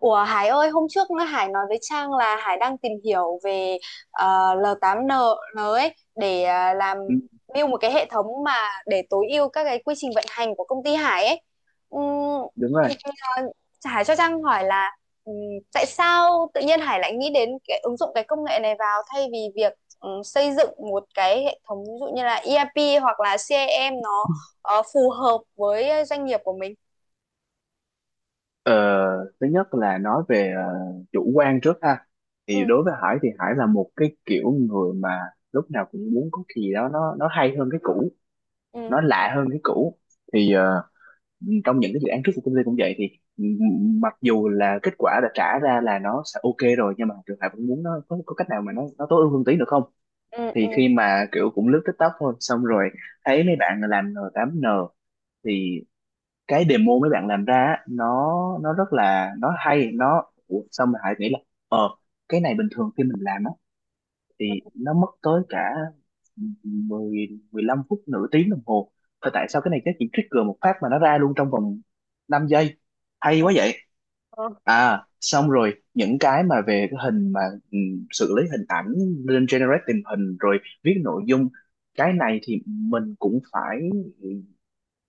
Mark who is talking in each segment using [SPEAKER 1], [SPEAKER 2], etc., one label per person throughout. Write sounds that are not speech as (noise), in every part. [SPEAKER 1] Ủa Hải ơi, hôm trước Hải nói với Trang là Hải đang tìm hiểu về ờ, L8N ấy để làm
[SPEAKER 2] Ừ,
[SPEAKER 1] build một cái hệ thống mà để tối ưu các cái quy trình vận hành của công ty Hải ấy. Ừm,
[SPEAKER 2] đúng rồi.
[SPEAKER 1] ờ, Hải cho Trang hỏi là ừm, tại sao tự nhiên Hải lại nghĩ đến cái ứng dụng cái công nghệ này vào thay vì việc xây dựng một cái hệ thống ví dụ như là ERP hoặc là CRM nó phù hợp với doanh nghiệp của mình.
[SPEAKER 2] ờ, Thứ nhất là nói về chủ quan trước ha. Thì
[SPEAKER 1] Ừ,
[SPEAKER 2] đối với Hải thì Hải là một cái kiểu người mà lúc nào cũng muốn có cái gì đó nó hay hơn cái cũ,
[SPEAKER 1] ừ,
[SPEAKER 2] nó lạ hơn cái cũ. Thì trong những cái dự án trước của công ty cũng vậy, thì mặc dù là kết quả đã trả ra là nó sẽ ok rồi, nhưng mà trường Hải vẫn muốn nó có cách nào mà nó tối ưu hơn tí nữa không.
[SPEAKER 1] ừ,
[SPEAKER 2] Thì
[SPEAKER 1] ừ,
[SPEAKER 2] khi mà kiểu cũng lướt TikTok thôi, xong rồi thấy mấy bạn làm N8N, cái demo mấy bạn làm ra á, nó rất là nó hay. Nó, ủa, sao mình lại nghĩ là ờ cái này bình thường khi mình làm á
[SPEAKER 1] ừ.
[SPEAKER 2] thì nó mất tới cả 10 15 phút, nửa tiếng đồng hồ. Thôi tại sao cái này cái chỉ trigger một phát mà nó ra luôn trong vòng 5 giây, hay quá vậy.
[SPEAKER 1] Ừ.
[SPEAKER 2] À xong rồi những cái mà về cái hình mà, ừ, xử lý hình ảnh lên generate tình hình rồi viết nội dung, cái này thì mình cũng phải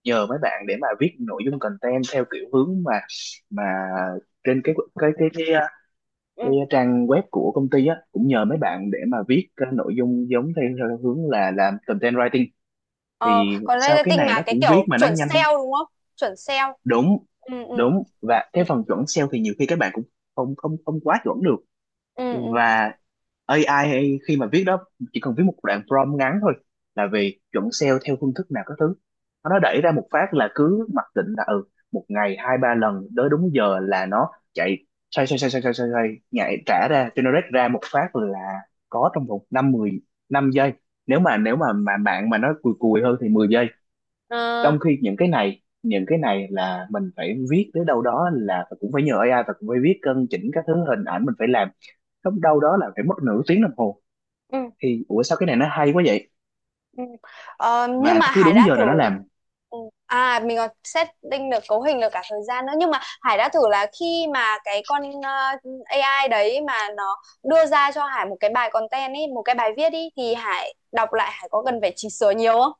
[SPEAKER 2] nhờ mấy bạn để mà viết nội dung content theo kiểu hướng mà trên
[SPEAKER 1] Ừ.
[SPEAKER 2] cái trang web của công ty á, cũng nhờ mấy bạn để mà viết cái nội dung giống theo hướng là làm content writing.
[SPEAKER 1] ờ
[SPEAKER 2] Thì
[SPEAKER 1] Còn
[SPEAKER 2] sau cái
[SPEAKER 1] marketing
[SPEAKER 2] này
[SPEAKER 1] mà
[SPEAKER 2] nó
[SPEAKER 1] cái
[SPEAKER 2] cũng viết
[SPEAKER 1] kiểu
[SPEAKER 2] mà nó
[SPEAKER 1] chuẩn
[SPEAKER 2] nhanh.
[SPEAKER 1] sale đúng không? Chuẩn sale.
[SPEAKER 2] Đúng,
[SPEAKER 1] Ừ, ừ,
[SPEAKER 2] và
[SPEAKER 1] ừ,
[SPEAKER 2] cái phần chuẩn SEO thì nhiều khi các bạn cũng không không không quá chuẩn được.
[SPEAKER 1] ừ, ừ,
[SPEAKER 2] Và AI khi mà viết đó chỉ cần viết một đoạn prompt ngắn thôi, là về chuẩn sale theo phương thức nào các thứ, nó đẩy ra một phát là cứ mặc định là ừ, một ngày hai ba lần tới đúng giờ là nó chạy. Xoay nhảy trả
[SPEAKER 1] ừ.
[SPEAKER 2] ra generate ra một phát là có trong vòng 5 10 5 giây, nếu mà nếu mà bạn mà nó cùi cùi hơn thì 10 giây.
[SPEAKER 1] Ờ,
[SPEAKER 2] Trong khi những cái này là mình phải viết tới đâu đó là cũng phải nhờ AI, và cũng phải viết cân chỉnh các thứ, hình ảnh mình phải làm lúc đâu đó là phải mất nửa tiếng đồng hồ.
[SPEAKER 1] ừ,
[SPEAKER 2] Thì ủa sao cái này nó hay quá vậy,
[SPEAKER 1] ừ. Ờ, nhưng
[SPEAKER 2] và nó
[SPEAKER 1] mà
[SPEAKER 2] cứ
[SPEAKER 1] Hải
[SPEAKER 2] đúng
[SPEAKER 1] đã
[SPEAKER 2] giờ
[SPEAKER 1] thử.
[SPEAKER 2] là nó làm.
[SPEAKER 1] Ừ. À, mình còn setting được cấu hình được cả thời gian nữa, nhưng mà Hải đã thử là khi mà cái con AI đấy mà nó đưa ra cho Hải một cái bài content ấy, một cái bài viết ý thì Hải đọc lại Hải có cần phải chỉnh sửa nhiều không?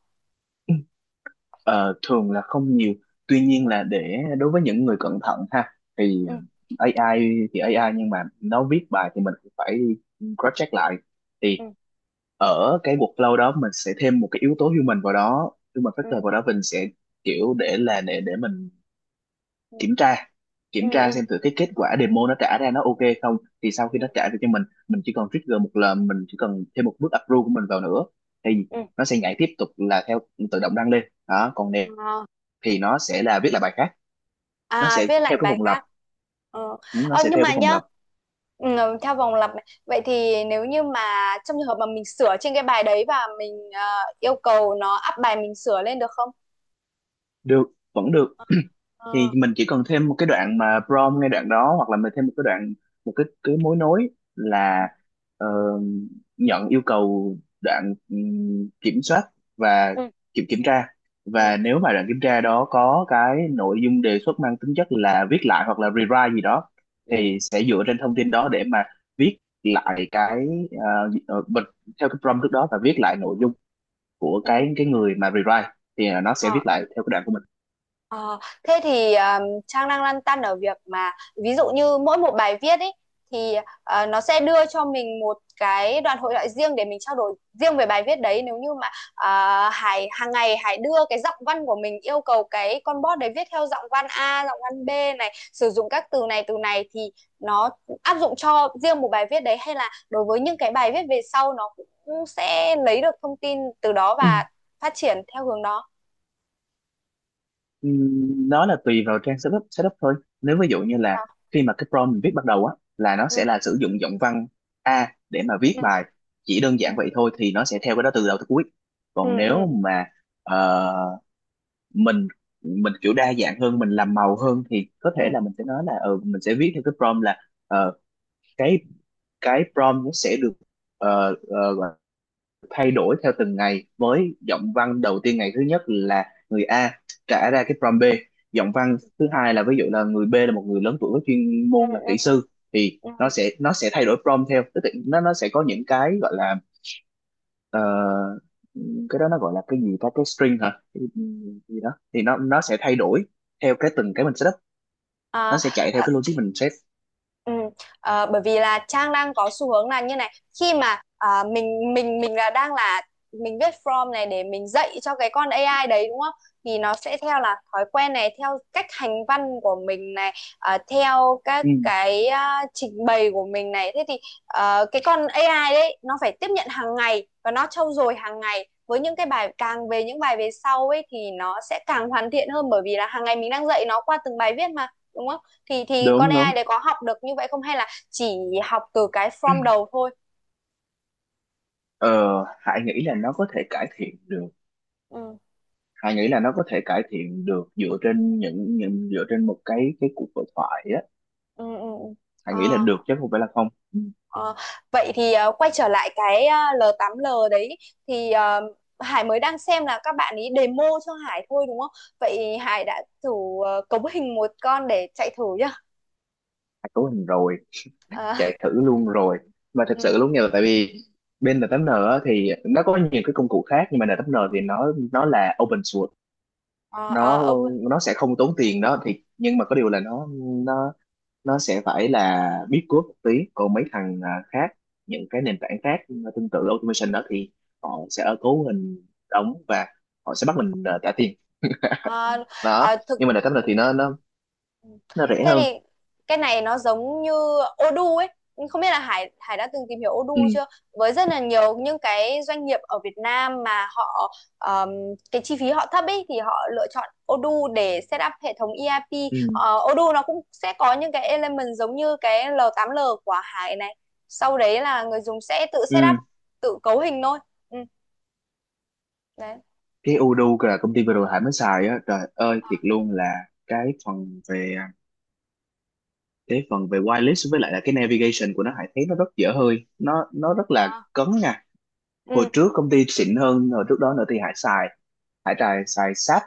[SPEAKER 2] Ờ, thường là không nhiều. Tuy nhiên là để đối với những người cẩn thận ha, thì
[SPEAKER 1] Ừ,
[SPEAKER 2] AI nhưng mà nó viết bài thì mình cũng phải cross check lại. Thì
[SPEAKER 1] ừ,
[SPEAKER 2] ở cái workflow đó mình sẽ thêm một cái yếu tố human vào đó, human factor
[SPEAKER 1] ừ,
[SPEAKER 2] vào đó, mình sẽ kiểu để là để mình
[SPEAKER 1] ừ,
[SPEAKER 2] kiểm tra,
[SPEAKER 1] ừ, ừ, ừ,
[SPEAKER 2] xem thử cái kết quả demo nó trả ra nó ok không. Thì sau khi
[SPEAKER 1] ừ.
[SPEAKER 2] nó trả được cho mình chỉ cần trigger một lần, mình chỉ cần thêm một bước approve của mình vào nữa, thì
[SPEAKER 1] Ừ.
[SPEAKER 2] nó sẽ nhảy tiếp tục là theo, tự động đăng lên. Đó còn nếu
[SPEAKER 1] Ờ.
[SPEAKER 2] thì nó sẽ là viết lại bài khác, nó
[SPEAKER 1] À,
[SPEAKER 2] sẽ
[SPEAKER 1] viết lại
[SPEAKER 2] theo cái
[SPEAKER 1] bài
[SPEAKER 2] vòng lặp,
[SPEAKER 1] khác ờ.
[SPEAKER 2] nó sẽ
[SPEAKER 1] Nhưng
[SPEAKER 2] theo cái
[SPEAKER 1] mà
[SPEAKER 2] vòng
[SPEAKER 1] nhá,
[SPEAKER 2] lặp
[SPEAKER 1] ừ, theo vòng lặp này. Vậy thì nếu như mà trong trường hợp mà mình sửa trên cái bài đấy và mình yêu cầu nó up bài mình sửa lên được không?
[SPEAKER 2] được, vẫn được.
[SPEAKER 1] Ờ.
[SPEAKER 2] Thì mình chỉ cần thêm một cái đoạn mà prompt ngay đoạn đó, hoặc là mình thêm một cái đoạn, một cái mối nối
[SPEAKER 1] Ừ.
[SPEAKER 2] là, ờ, nhận yêu cầu, đoạn kiểm soát, và
[SPEAKER 1] Ừ.
[SPEAKER 2] kiểm kiểm tra.
[SPEAKER 1] Ừ.
[SPEAKER 2] Và nếu mà đoạn kiểm tra đó có cái nội dung đề xuất mang tính chất là viết lại hoặc là rewrite gì đó,
[SPEAKER 1] Ừ.
[SPEAKER 2] thì sẽ dựa trên thông tin đó để mà viết lại cái bật theo cái prompt trước đó, và viết lại nội dung của
[SPEAKER 1] Ừ.
[SPEAKER 2] cái người mà rewrite. Thì nó sẽ viết
[SPEAKER 1] Ờ.
[SPEAKER 2] lại theo cái đoạn của
[SPEAKER 1] Ờ, thế thì Trang đang lăn tăn ở việc mà ví dụ như mỗi một bài viết ấy thì nó sẽ đưa cho mình một cái đoạn hội thoại riêng để mình trao đổi riêng về bài viết đấy, nếu như mà ờ, Hải hàng ngày Hải đưa cái giọng văn của mình yêu cầu cái con bot đấy viết theo giọng văn A, giọng văn B này sử dụng các từ này thì nó áp dụng cho riêng một bài viết đấy hay là đối với những cái bài viết về sau nó cũng sẽ lấy được thông tin từ đó và
[SPEAKER 2] mình.
[SPEAKER 1] phát triển theo hướng đó.
[SPEAKER 2] Nó là tùy vào trang setup setup thôi. Nếu ví dụ như là
[SPEAKER 1] À,
[SPEAKER 2] khi mà cái prompt mình viết bắt đầu á, là nó sẽ
[SPEAKER 1] ừ,
[SPEAKER 2] là sử dụng giọng văn A để mà viết
[SPEAKER 1] ừ.
[SPEAKER 2] bài, chỉ đơn
[SPEAKER 1] Ừ.
[SPEAKER 2] giản vậy thôi thì nó sẽ theo cái đó từ đầu tới cuối.
[SPEAKER 1] Ừ,
[SPEAKER 2] Còn nếu
[SPEAKER 1] ừ,
[SPEAKER 2] mà ờ, mình mình kiểu đa dạng hơn, mình làm màu hơn, thì có
[SPEAKER 1] ừ,
[SPEAKER 2] thể là mình sẽ nói là ừ, mình sẽ viết theo cái prompt là, ờ, cái cái prompt nó sẽ được uh, thay đổi theo từng ngày, với giọng văn đầu tiên ngày thứ nhất là người A, trả ra cái prompt B, giọng văn thứ hai là ví dụ là người B là một người lớn tuổi có chuyên
[SPEAKER 1] ừ,
[SPEAKER 2] môn là
[SPEAKER 1] ừ,
[SPEAKER 2] kỹ sư, thì
[SPEAKER 1] ừ.
[SPEAKER 2] nó sẽ thay đổi prompt theo, tức là nó sẽ có những cái gọi là, ờ, cái đó nó gọi là cái gì ta, cái string hả, cái gì đó, thì nó sẽ thay đổi theo cái từng cái mình setup, nó
[SPEAKER 1] À,
[SPEAKER 2] sẽ chạy theo cái logic mình set.
[SPEAKER 1] Ừ. Bởi vì là Trang đang có xu hướng là như này, khi mà à, mình là đang là mình viết prompt này để mình dạy cho cái con AI đấy đúng không? Thì nó sẽ theo là thói quen này theo cách hành văn của mình này, theo các
[SPEAKER 2] Ừ,
[SPEAKER 1] cái à, trình bày của mình này thế thì cái con AI đấy nó phải tiếp nhận hàng ngày và nó trau dồi hàng ngày với những cái bài càng về những bài về sau ấy thì nó sẽ càng hoàn thiện hơn bởi vì là hàng ngày mình đang dạy nó qua từng bài viết mà đúng không? Thì con
[SPEAKER 2] đúng,
[SPEAKER 1] AI đấy có học được như vậy không hay là chỉ học từ cái from đầu thôi?
[SPEAKER 2] ờ, Hải nghĩ là nó có thể cải thiện được,
[SPEAKER 1] Ừ,
[SPEAKER 2] Hà nghĩ là nó có thể cải thiện được dựa trên dựa trên một cái cuộc hội thoại á.
[SPEAKER 1] ừ, ừ. Ừ.
[SPEAKER 2] Hà nghĩ là
[SPEAKER 1] Ờ,
[SPEAKER 2] được chứ không phải là không.
[SPEAKER 1] ờ. Vậy thì quay trở lại cái L8L đấy thì Hải mới đang xem là các bạn ý demo cho Hải thôi đúng không? Vậy Hải đã thử cấu hình một con để chạy thử nhá.
[SPEAKER 2] Hà cấu hình rồi,
[SPEAKER 1] Ờ,
[SPEAKER 2] chạy thử luôn rồi, mà thật
[SPEAKER 1] ừ.
[SPEAKER 2] sự luôn nha. Tại vì bên N8N á, thì nó có nhiều cái công cụ khác, nhưng mà N8N thì nó là open source,
[SPEAKER 1] Ờ, ờ,
[SPEAKER 2] nó
[SPEAKER 1] ok.
[SPEAKER 2] sẽ không tốn tiền đó. Thì nhưng mà có điều là nó nó sẽ phải là biết code một tí. Còn mấy thằng khác, những cái nền tảng khác, tương tự automation đó, thì họ sẽ ở cấu hình đóng, và họ sẽ bắt mình trả tiền.
[SPEAKER 1] À, à,
[SPEAKER 2] Đó
[SPEAKER 1] thực,
[SPEAKER 2] nhưng mà đợt này
[SPEAKER 1] ừ,
[SPEAKER 2] thì
[SPEAKER 1] ừ.
[SPEAKER 2] nó rẻ
[SPEAKER 1] Thế
[SPEAKER 2] hơn.
[SPEAKER 1] thì cái này nó giống như Odoo ấy, nhưng không biết là Hải Hải đã từng tìm hiểu
[SPEAKER 2] Ừ,
[SPEAKER 1] Odoo chưa, với rất là nhiều những cái doanh nghiệp ở Việt Nam mà họ ờm, cái chi phí họ thấp ấy thì họ lựa chọn Odoo để set up hệ thống ERP.
[SPEAKER 2] ừ,
[SPEAKER 1] Ờ, Odoo nó cũng sẽ có những cái element giống như cái L8L của Hải này, sau đấy là người dùng sẽ tự set up
[SPEAKER 2] ừ.
[SPEAKER 1] tự cấu hình thôi, ừ, đấy.
[SPEAKER 2] Cái udo là công ty vừa rồi Hải mới xài á, trời ơi thiệt luôn là cái phần về cái phần về wireless với lại là cái navigation của nó, Hải thấy nó rất dở hơi, nó rất là
[SPEAKER 1] À.
[SPEAKER 2] cấn nha. Hồi
[SPEAKER 1] Ừ.
[SPEAKER 2] trước công ty xịn hơn hồi trước đó nữa thì Hải trài xài SAP,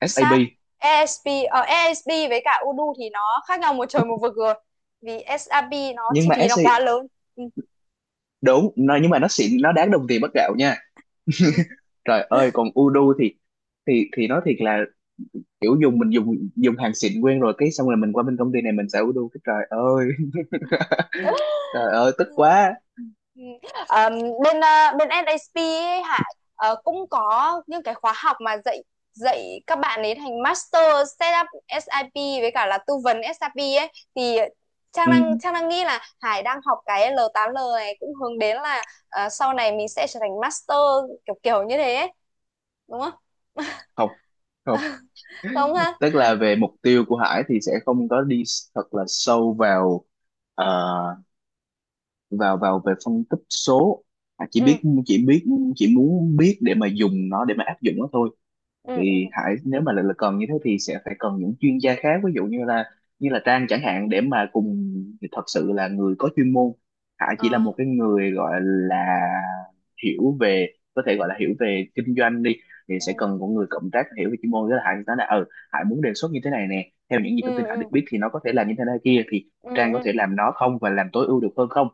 [SPEAKER 2] SAP,
[SPEAKER 1] SAP. ASP. Ờ, ASP với cả Udu thì nó khác nhau một trời một vực rồi, vì SAP nó
[SPEAKER 2] nhưng
[SPEAKER 1] chi
[SPEAKER 2] mà
[SPEAKER 1] phí nó
[SPEAKER 2] SC.
[SPEAKER 1] quá lớn. Ừ.
[SPEAKER 2] Đúng nó, nhưng mà nó xịn, nó đáng đồng tiền bát gạo nha.
[SPEAKER 1] Ừ.
[SPEAKER 2] Trời ơi còn Udu thì thì nói thiệt là kiểu dùng, mình dùng dùng hàng xịn quen rồi, cái xong rồi mình qua bên công ty này mình xài Udu cái trời ơi. (laughs) Trời ơi tức quá.
[SPEAKER 1] Ừ. Ờ, bên SAP ấy, Hải cũng có những cái khóa học mà dạy dạy các bạn ấy thành master setup SIP với cả là tư vấn SIP ấy thì Trang
[SPEAKER 2] Ừ,
[SPEAKER 1] đang Trang đang nghĩ là Hải đang học cái l tám l này cũng hướng đến là sau này mình sẽ trở thành master, kiểu kiểu như thế ấy. Đúng không?
[SPEAKER 2] không, không,
[SPEAKER 1] (laughs) Đúng không ha?
[SPEAKER 2] tức là về mục tiêu của Hải thì sẽ không có đi thật là sâu vào ờ, vào vào về phân tích số. Hải chỉ
[SPEAKER 1] Ừ,
[SPEAKER 2] biết, chỉ muốn biết để mà dùng nó, để mà áp dụng nó thôi.
[SPEAKER 1] ừ,
[SPEAKER 2] Thì
[SPEAKER 1] ừ.
[SPEAKER 2] Hải nếu mà lại là cần như thế, thì sẽ phải cần những chuyên gia khác, ví dụ như là Trang chẳng hạn, để mà cùng, thật sự là người có chuyên môn. Hải chỉ là
[SPEAKER 1] Ờ,
[SPEAKER 2] một cái người gọi là hiểu về, có thể gọi là hiểu về kinh doanh đi, thì sẽ
[SPEAKER 1] ừ,
[SPEAKER 2] cần một người cộng tác hiểu về chuyên môn. Với là Hải nói là ừ, Hải muốn đề xuất như thế này nè, theo những gì
[SPEAKER 1] ừ,
[SPEAKER 2] thông tin Hải được
[SPEAKER 1] ừ,
[SPEAKER 2] biết thì nó có thể làm như thế này kia, thì
[SPEAKER 1] ừ,
[SPEAKER 2] Trang có
[SPEAKER 1] ừ.
[SPEAKER 2] thể làm nó không và làm tối ưu được hơn không.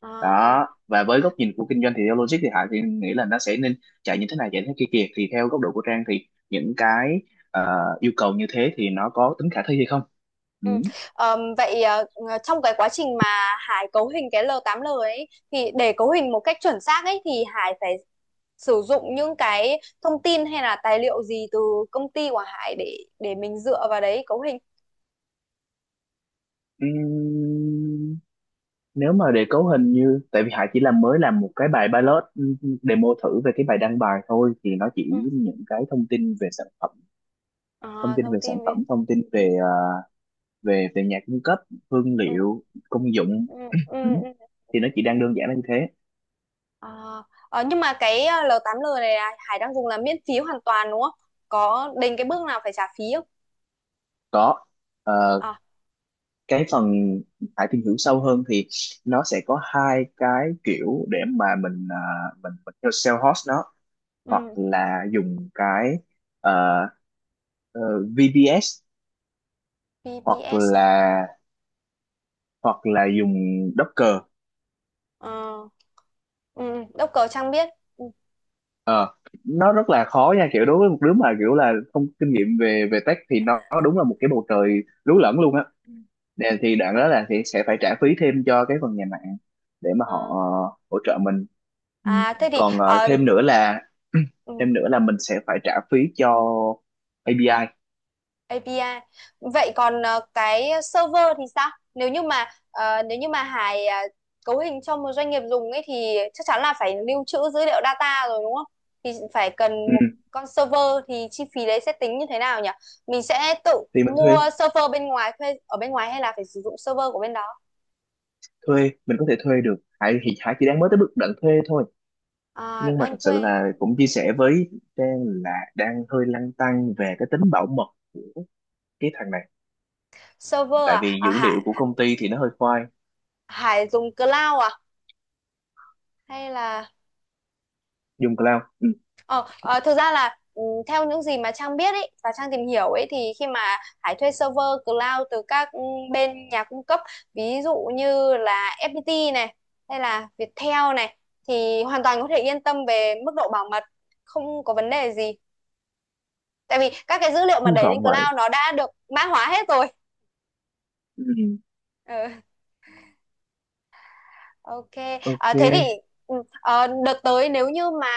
[SPEAKER 1] Ờ, ờ.
[SPEAKER 2] Đó, và với góc nhìn của kinh doanh thì theo logic thì Hải thì nghĩ là nó sẽ nên chạy như thế này chạy thế kia kìa, thì theo góc độ của Trang thì những cái ờ, yêu cầu như thế thì nó có tính khả thi hay không.
[SPEAKER 1] Ừ.
[SPEAKER 2] Ừ.
[SPEAKER 1] Vậy trong cái quá trình mà Hải cấu hình cái l tám l ấy thì để cấu hình một cách chuẩn xác ấy thì Hải phải sử dụng những cái thông tin hay là tài liệu gì từ công ty của Hải để mình dựa vào đấy cấu hình.
[SPEAKER 2] Ừm, Nếu mà để cấu hình như, tại vì Hải chỉ làm, mới làm một cái bài pilot, demo thử về cái bài đăng bài thôi, thì nó chỉ
[SPEAKER 1] Ừ.
[SPEAKER 2] những cái thông tin về sản phẩm, thông
[SPEAKER 1] Ờ,
[SPEAKER 2] tin
[SPEAKER 1] thông
[SPEAKER 2] về sản
[SPEAKER 1] tin về.
[SPEAKER 2] phẩm, thông tin về về về nhà cung cấp, hương
[SPEAKER 1] Ừ.
[SPEAKER 2] liệu, công dụng,
[SPEAKER 1] Ừ. Ừ.
[SPEAKER 2] ừ.
[SPEAKER 1] Ừ.
[SPEAKER 2] Thì nó chỉ đang đơn giản là như thế.
[SPEAKER 1] Ờ, ờ, nhưng mà cái l tám l này là Hải đang dùng là miễn phí hoàn toàn đúng không? Có đến cái bước nào phải trả phí không?
[SPEAKER 2] Có, ờ,
[SPEAKER 1] À.
[SPEAKER 2] cái phần phải tìm hiểu sâu hơn thì nó sẽ có hai cái kiểu để mà mình mình theo sale host nó, hoặc
[SPEAKER 1] Ừ.
[SPEAKER 2] là dùng cái ờ, ờ, VBS, hoặc
[SPEAKER 1] BBS à?
[SPEAKER 2] là dùng Docker.
[SPEAKER 1] Ờ, ừ, Đốc cờ Trang biết. Ừ.
[SPEAKER 2] Ờ, nó rất là khó nha, kiểu đối với một đứa mà kiểu là không kinh nghiệm về về tech thì nó đúng là một cái bầu trời lú lẫn luôn á.
[SPEAKER 1] Ừ.
[SPEAKER 2] Thì đoạn đó là thì sẽ phải trả phí thêm cho cái phần nhà mạng, để mà họ
[SPEAKER 1] Ờ.
[SPEAKER 2] hỗ trợ mình. Ừ.
[SPEAKER 1] À, thế thì
[SPEAKER 2] Còn thêm nữa là
[SPEAKER 1] ừ,
[SPEAKER 2] (clears throat) thêm nữa là mình sẽ phải trả phí cho API.
[SPEAKER 1] API. Vậy còn cái server thì sao? Nếu như mà Hải cấu hình cho một doanh nghiệp dùng ấy thì chắc chắn là phải lưu trữ dữ liệu data rồi đúng không? Thì phải cần
[SPEAKER 2] Ừ.
[SPEAKER 1] một con server, thì chi phí đấy sẽ tính như thế nào nhỉ? Mình sẽ tự
[SPEAKER 2] Thì mình thuê
[SPEAKER 1] mua server bên ngoài thuê ở bên ngoài hay là phải sử dụng server của bên đó?
[SPEAKER 2] thuê, mình có thể thuê được. Hải thì Hải chỉ đang mới tới bước đoạn thuê thôi.
[SPEAKER 1] À,
[SPEAKER 2] Nhưng mà
[SPEAKER 1] đang
[SPEAKER 2] thật sự
[SPEAKER 1] thuê
[SPEAKER 2] là cũng chia sẻ với Trang là đang hơi lăn tăn về cái tính bảo mật của cái thằng này,
[SPEAKER 1] server
[SPEAKER 2] tại
[SPEAKER 1] à?
[SPEAKER 2] vì
[SPEAKER 1] À,
[SPEAKER 2] dữ liệu
[SPEAKER 1] Hải
[SPEAKER 2] của công ty thì nó hơi khoai.
[SPEAKER 1] Hải dùng cloud à? Hay là
[SPEAKER 2] Dùng cloud, ừ.
[SPEAKER 1] ờ, ờ, thực ra là theo những gì mà Trang biết ấy và Trang tìm hiểu ấy thì khi mà Hải thuê server cloud từ các bên nhà cung cấp ví dụ như là FPT này hay là Viettel này thì hoàn toàn có thể yên tâm về mức độ bảo mật, không có vấn đề gì tại vì các cái dữ liệu mà
[SPEAKER 2] Hy
[SPEAKER 1] đẩy lên
[SPEAKER 2] vọng vậy.
[SPEAKER 1] cloud nó đã được mã hóa hết rồi.
[SPEAKER 2] Ừ.
[SPEAKER 1] Ừ. Ok, à, thế thì
[SPEAKER 2] Ok.
[SPEAKER 1] ừ, đợt tới nếu như mà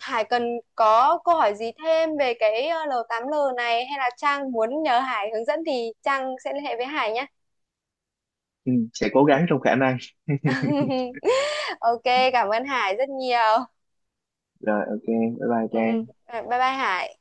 [SPEAKER 1] Hải cần có câu hỏi gì thêm về cái L8L này hay là Trang muốn nhờ Hải hướng dẫn thì Trang sẽ liên hệ với Hải nhé.
[SPEAKER 2] Ừ, sẽ cố
[SPEAKER 1] Ừ.
[SPEAKER 2] gắng trong khả năng.
[SPEAKER 1] (laughs) Ok, cảm ơn Hải rất nhiều.
[SPEAKER 2] Rồi, ok, bye bye
[SPEAKER 1] Ừ, ừ.
[SPEAKER 2] Trang.
[SPEAKER 1] Ờ, bye bye Hải.